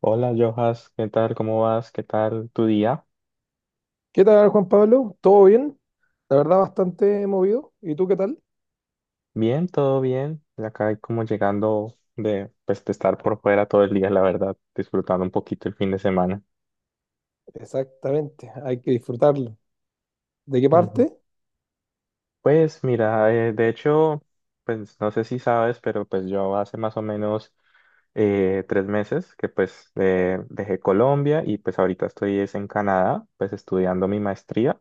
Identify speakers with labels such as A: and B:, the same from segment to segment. A: Hola, Jojas, ¿qué tal? ¿Cómo vas? ¿Qué tal tu día?
B: ¿Qué tal, Juan Pablo? ¿Todo bien? La verdad, bastante movido. ¿Y tú qué tal?
A: Bien, todo bien. Acá como llegando de, pues, de estar por fuera todo el día, la verdad, disfrutando un poquito el fin de semana.
B: Exactamente, hay que disfrutarlo. ¿De qué
A: Ujú.
B: parte?
A: Pues mira, de hecho, pues no sé si sabes, pero pues yo hace más o menos 3 meses que pues dejé Colombia y pues ahorita estoy es en Canadá, pues estudiando mi maestría.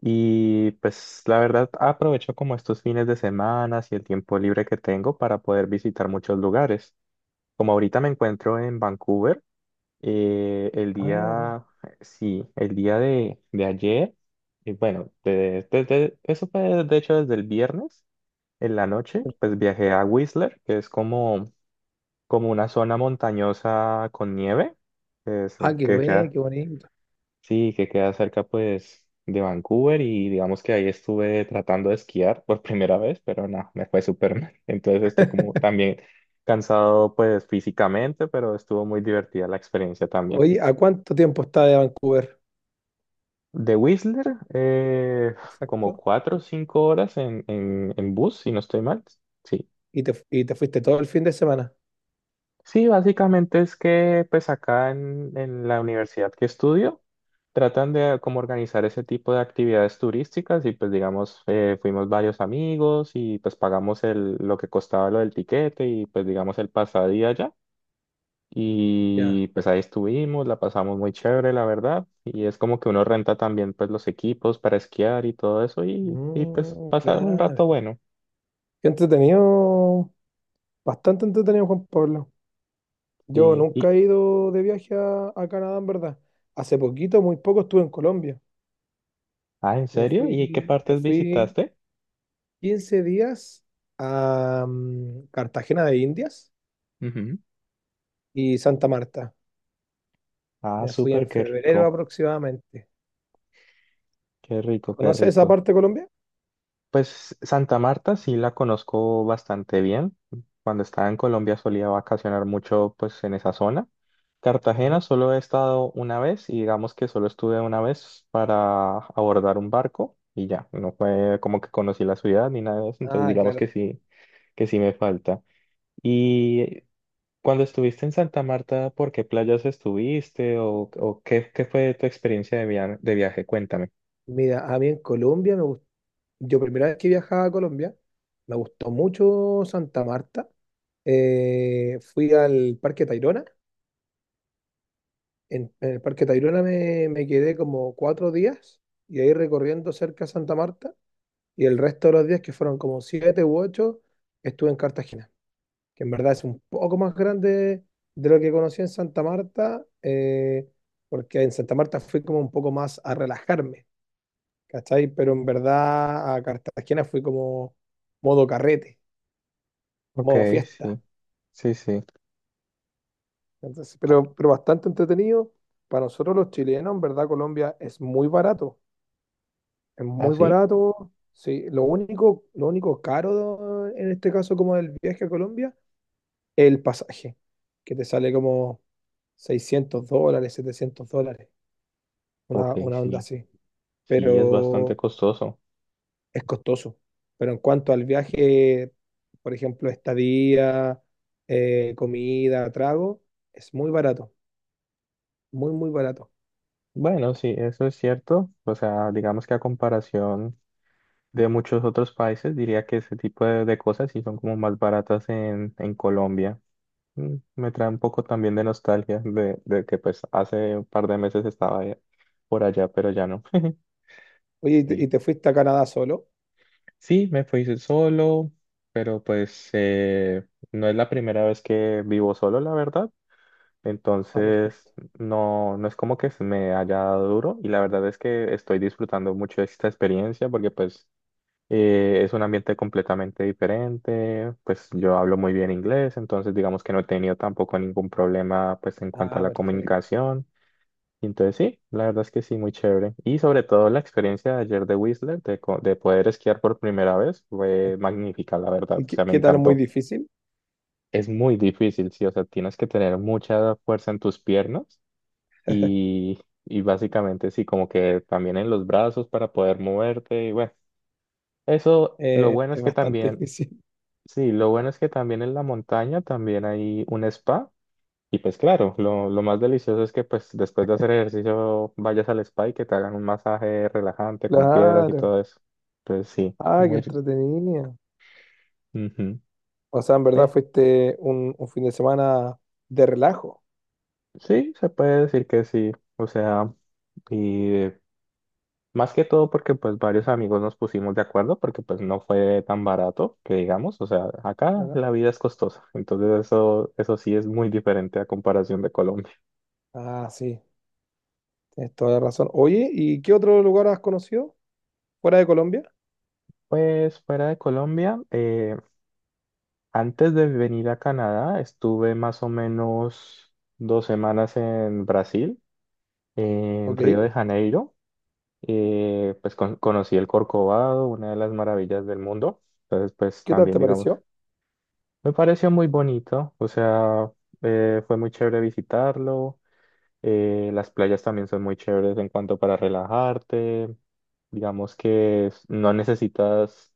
A: Y pues la verdad aprovecho como estos fines de semana y el tiempo libre que tengo para poder visitar muchos lugares. Como ahorita me encuentro en Vancouver, el
B: Ah, mira.
A: día, sí, el día de ayer, y bueno, eso fue de hecho desde el viernes en la noche, pues viajé a Whistler, que es como una zona montañosa con nieve,
B: Ah, qué
A: que
B: güey,
A: queda.
B: qué bonito.
A: Sí, que queda cerca pues de Vancouver y digamos que ahí estuve tratando de esquiar por primera vez, pero no, me fue súper mal. Entonces estoy como también cansado pues físicamente, pero estuvo muy divertida la experiencia también.
B: Oye, ¿a cuánto tiempo está de Vancouver?
A: De Whistler, como
B: Exacto.
A: 4 o 5 horas en, en bus, si no estoy mal. Sí.
B: ¿Y te fuiste todo el fin de semana?
A: Sí, básicamente es que pues acá en, la universidad que estudio tratan de como organizar ese tipo de actividades turísticas y pues digamos fuimos varios amigos y pues pagamos el, lo que costaba lo del tiquete y pues digamos el pasadía allá
B: Ya.
A: y pues ahí estuvimos, la pasamos muy chévere la verdad y es como que uno renta también pues los equipos para esquiar y todo eso y pues
B: Mm,
A: pasar un
B: claro.
A: rato bueno.
B: Qué entretenido, bastante entretenido, Juan Pablo. Yo
A: y,
B: nunca
A: y
B: he ido de viaje a Canadá, en verdad. Hace poquito, muy poco, estuve en Colombia.
A: ah, ¿en
B: Me
A: serio? ¿Y qué
B: fui, me
A: partes
B: fui
A: visitaste?
B: 15 días a Cartagena de Indias y Santa Marta.
A: Ah,
B: Me fui
A: súper,
B: en
A: qué
B: febrero
A: rico,
B: aproximadamente.
A: qué rico, qué
B: ¿Conoces esa
A: rico.
B: parte de Colombia?
A: Pues Santa Marta sí la conozco bastante bien. Cuando estaba en Colombia solía vacacionar mucho pues en esa zona. Cartagena
B: Bueno.
A: solo he estado una vez y digamos que solo estuve una vez para abordar un barco y ya, no fue como que conocí la ciudad ni nada de eso, entonces
B: Ah,
A: digamos
B: claro.
A: que sí me falta. Y cuando estuviste en Santa Marta, ¿por qué playas estuviste o qué fue tu experiencia de viaje? Cuéntame.
B: Mira, a mí en Colombia me gustó. Yo primera vez que viajaba a Colombia, me gustó mucho Santa Marta. Fui al Parque Tayrona. En el Parque Tayrona me quedé como 4 días y ahí recorriendo cerca de Santa Marta. Y el resto de los días, que fueron como siete u ocho, estuve en Cartagena, que en verdad es un poco más grande de lo que conocí en Santa Marta, porque en Santa Marta fui como un poco más a relajarme, ¿cachai? Pero en verdad a Cartagena fui como modo carrete,
A: Ok,
B: modo fiesta.
A: sí, sí, sí.
B: Entonces, pero bastante entretenido. Para nosotros los chilenos, en verdad, Colombia es muy barato, es
A: ¿Ah,
B: muy
A: sí?
B: barato. Sí, lo único caro en este caso como del viaje a Colombia el pasaje, que te sale como $600, $700,
A: Ok,
B: una onda
A: sí,
B: así,
A: sí, es bastante
B: pero
A: costoso.
B: es costoso. Pero en cuanto al viaje, por ejemplo, estadía, comida, trago, es muy barato, muy, muy barato.
A: Bueno, sí, eso es cierto. O sea, digamos que a comparación de muchos otros países, diría que ese tipo de cosas sí son como más baratas en Colombia. Me trae un poco también de nostalgia de que pues hace un par de meses estaba por allá, pero ya no.
B: Oye, ¿y te,
A: Sí,
B: y te fuiste a Canadá solo?
A: sí, me fui solo, pero pues no es la primera vez que vivo solo, la verdad.
B: Ah,
A: Entonces,
B: perfecto.
A: no, no es como que se me haya dado duro y la verdad es que estoy disfrutando mucho esta experiencia porque pues es un ambiente completamente diferente, pues yo hablo muy bien inglés, entonces digamos que no he tenido tampoco ningún problema pues en cuanto a
B: Ah,
A: la
B: perfecto.
A: comunicación. Y entonces sí, la verdad es que sí, muy chévere. Y sobre todo la experiencia de ayer de Whistler, de poder esquiar por primera vez, fue magnífica, la verdad,
B: ¿Y
A: o
B: qué,
A: sea, me
B: qué tal? ¿Muy
A: encantó.
B: difícil?
A: Es muy difícil, sí, o sea, tienes que tener mucha fuerza en tus piernas y, básicamente sí, como que también en los brazos para poder moverte y bueno, eso lo bueno
B: Es
A: es que
B: bastante
A: también,
B: difícil.
A: sí, lo bueno es que también en la montaña también hay un spa y pues claro, lo más delicioso es que pues después de hacer ejercicio vayas al spa y que te hagan un masaje relajante con piedras y
B: Claro.
A: todo eso. Entonces sí,
B: Ah, qué
A: muy.
B: entretenido.
A: Ujú.
B: O sea, en verdad
A: Eh,
B: fuiste un fin de semana de relajo,
A: sí, se puede decir que sí, o sea. Y más que todo porque pues varios amigos nos pusimos de acuerdo porque pues no fue tan barato que digamos, o sea, acá
B: ¿verdad?
A: la vida es costosa, entonces eso sí es muy diferente a comparación de Colombia.
B: Ah, sí, tienes toda la razón. Oye, ¿y qué otro lugar has conocido fuera de Colombia?
A: Pues fuera de Colombia, antes de venir a Canadá estuve más o menos 2 semanas en Brasil, en
B: Ok,
A: Río de Janeiro, pues conocí el Corcovado, una de las maravillas del mundo, entonces pues
B: ¿qué tal
A: también
B: te
A: digamos.
B: pareció
A: Me pareció muy bonito, o sea, fue muy chévere visitarlo. Las playas también son muy chéveres en cuanto para relajarte. Digamos que no necesitas,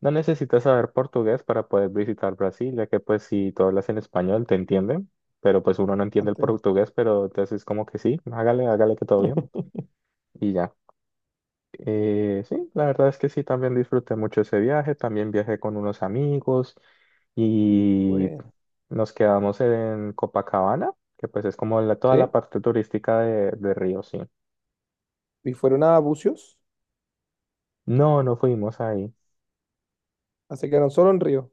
A: saber portugués para poder visitar Brasil, ya que pues si tú hablas en español te entienden, pero pues uno no entiende el
B: antes?
A: portugués, pero entonces es como que sí, hágale, hágale que todo bien y ya. Sí, la verdad es que sí, también disfruté mucho ese viaje, también viajé con unos amigos y
B: Bueno,
A: nos quedamos en Copacabana, que pues es como toda la
B: sí,
A: parte turística de Río, sí.
B: y fueron a Bucios,
A: No, no fuimos ahí.
B: se quedaron solo en Río,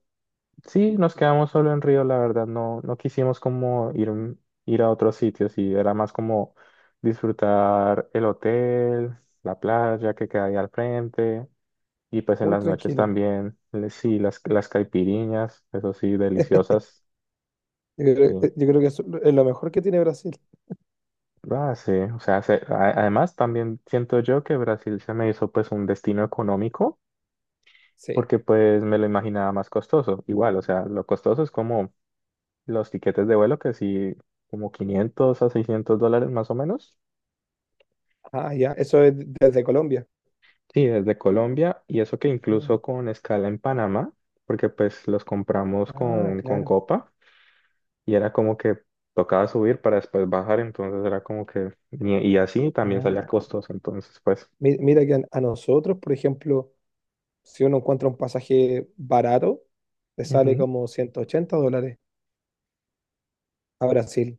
A: Sí, nos quedamos solo en Río, la verdad, no, no quisimos como ir, ir a otros sitios y era más como disfrutar el hotel, la playa que queda ahí al frente. Y pues en
B: muy
A: las noches
B: tranquilo.
A: también, sí, las caipiriñas, eso sí, deliciosas.
B: Yo creo,
A: Sí.
B: eh, yo creo que eso es lo mejor que tiene Brasil.
A: Ah, sí, o sea, además también siento yo que Brasil se me hizo pues un destino económico
B: Sí.
A: porque pues me lo imaginaba más costoso. Igual, o sea, lo costoso es como los tiquetes de vuelo que sí, como 500 a 600 dólares más o menos.
B: Ah, ya, eso es desde Colombia.
A: Sí, desde Colombia y eso que
B: Mm.
A: incluso con escala en Panamá, porque pues los compramos
B: Ah,
A: con
B: claro.
A: Copa. Y era como que tocaba subir para después bajar, entonces era como que, y así también salía
B: Ah.
A: costoso, entonces pues.
B: Mira que a nosotros, por ejemplo, si uno encuentra un pasaje barato, te sale como $180 a Brasil.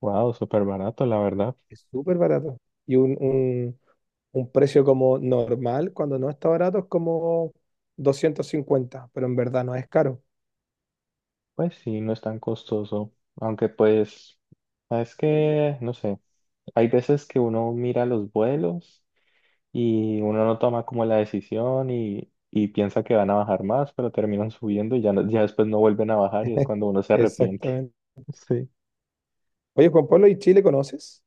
A: Wow, súper barato, la verdad,
B: Es súper barato. Y un precio como normal, cuando no está barato, es como 250, pero en verdad no es caro.
A: pues sí, no es tan costoso, aunque pues, es que, no sé, hay veces que uno mira los vuelos y uno no toma como la decisión y. Y piensa que van a bajar más, pero terminan subiendo y ya, ya después no vuelven a bajar y es cuando uno se arrepiente.
B: Exactamente.
A: Sí.
B: Oye, Juan Pablo, ¿y Chile conoces?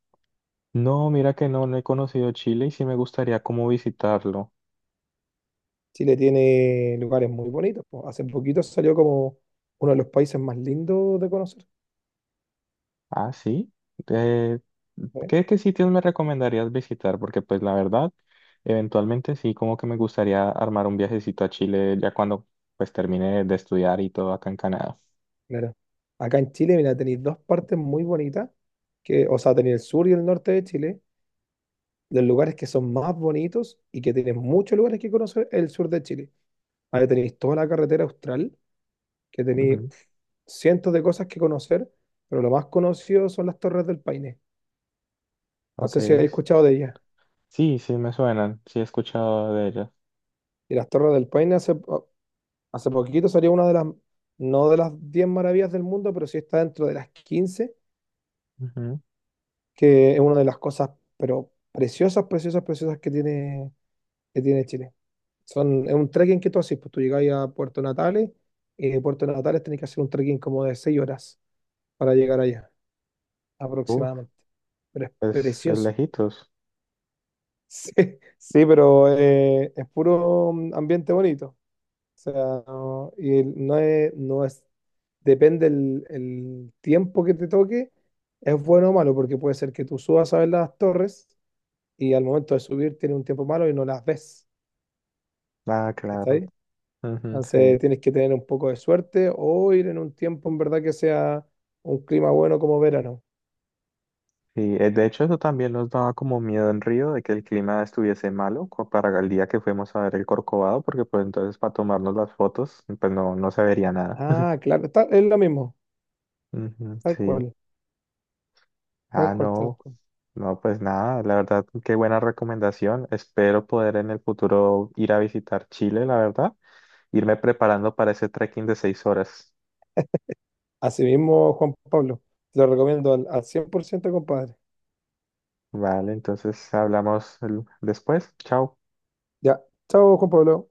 A: No, mira que no, no he conocido Chile y sí me gustaría como visitarlo.
B: Chile tiene lugares muy bonitos, po. Hace poquito salió como uno de los países más lindos de conocer,
A: Ah, sí. Eh,
B: ¿eh?
A: ¿qué sitios me recomendarías visitar? Porque pues la verdad, eventualmente sí, como que me gustaría armar un viajecito a Chile ya cuando pues termine de estudiar y todo acá en Canadá.
B: Claro. Acá en Chile, mira, tenéis dos partes muy bonitas, que, o sea, tenéis el sur y el norte de Chile, los lugares que son más bonitos y que tienen muchos lugares que conocer el sur de Chile. Ahí tenéis toda la carretera austral, que tenéis
A: Ujú,
B: pf, cientos de cosas que conocer, pero lo más conocido son las Torres del Paine. No
A: ok.
B: sé si habéis escuchado de ellas.
A: Sí, sí, me suenan. Sí, he escuchado de ellas.
B: Y las Torres del Paine hace poquito salió una de las, no de las 10 maravillas del mundo, pero sí está dentro de las 15, que es una de las cosas, pero preciosas, preciosas, preciosas que tiene, Chile. Es un trekking que tú haces, pues tú llegás a Puerto Natales y de Puerto Natales tenés que hacer un trekking como de 6 horas para llegar allá,
A: Ujú. Uf,
B: aproximadamente. Pero es
A: es
B: precioso.
A: lejitos.
B: Sí, sí, pero es puro ambiente bonito. O sea, no es, depende el tiempo que te toque, es bueno o malo, porque puede ser que tú subas a ver las torres y al momento de subir tiene un tiempo malo y no las ves.
A: Ah, claro. Ujú,
B: Entonces
A: sí.
B: tienes que tener un poco de suerte o ir en un tiempo en verdad que sea un clima bueno como verano.
A: Sí, de hecho eso también nos daba como miedo en Río de que el clima estuviese malo para el día que fuimos a ver el Corcovado, porque pues entonces para tomarnos las fotos pues no, no se vería nada.
B: Ah, claro, es lo mismo,
A: Ujú,
B: tal
A: sí.
B: cual, tal
A: Ah,
B: cual, tal
A: no.
B: cual.
A: No, pues nada, la verdad, qué buena recomendación. Espero poder en el futuro ir a visitar Chile, la verdad, irme preparando para ese trekking de 6 horas.
B: Así mismo, Juan Pablo, te lo recomiendo al 100%, compadre.
A: Vale, entonces hablamos después. Chao.
B: Ya, chao, Juan Pablo.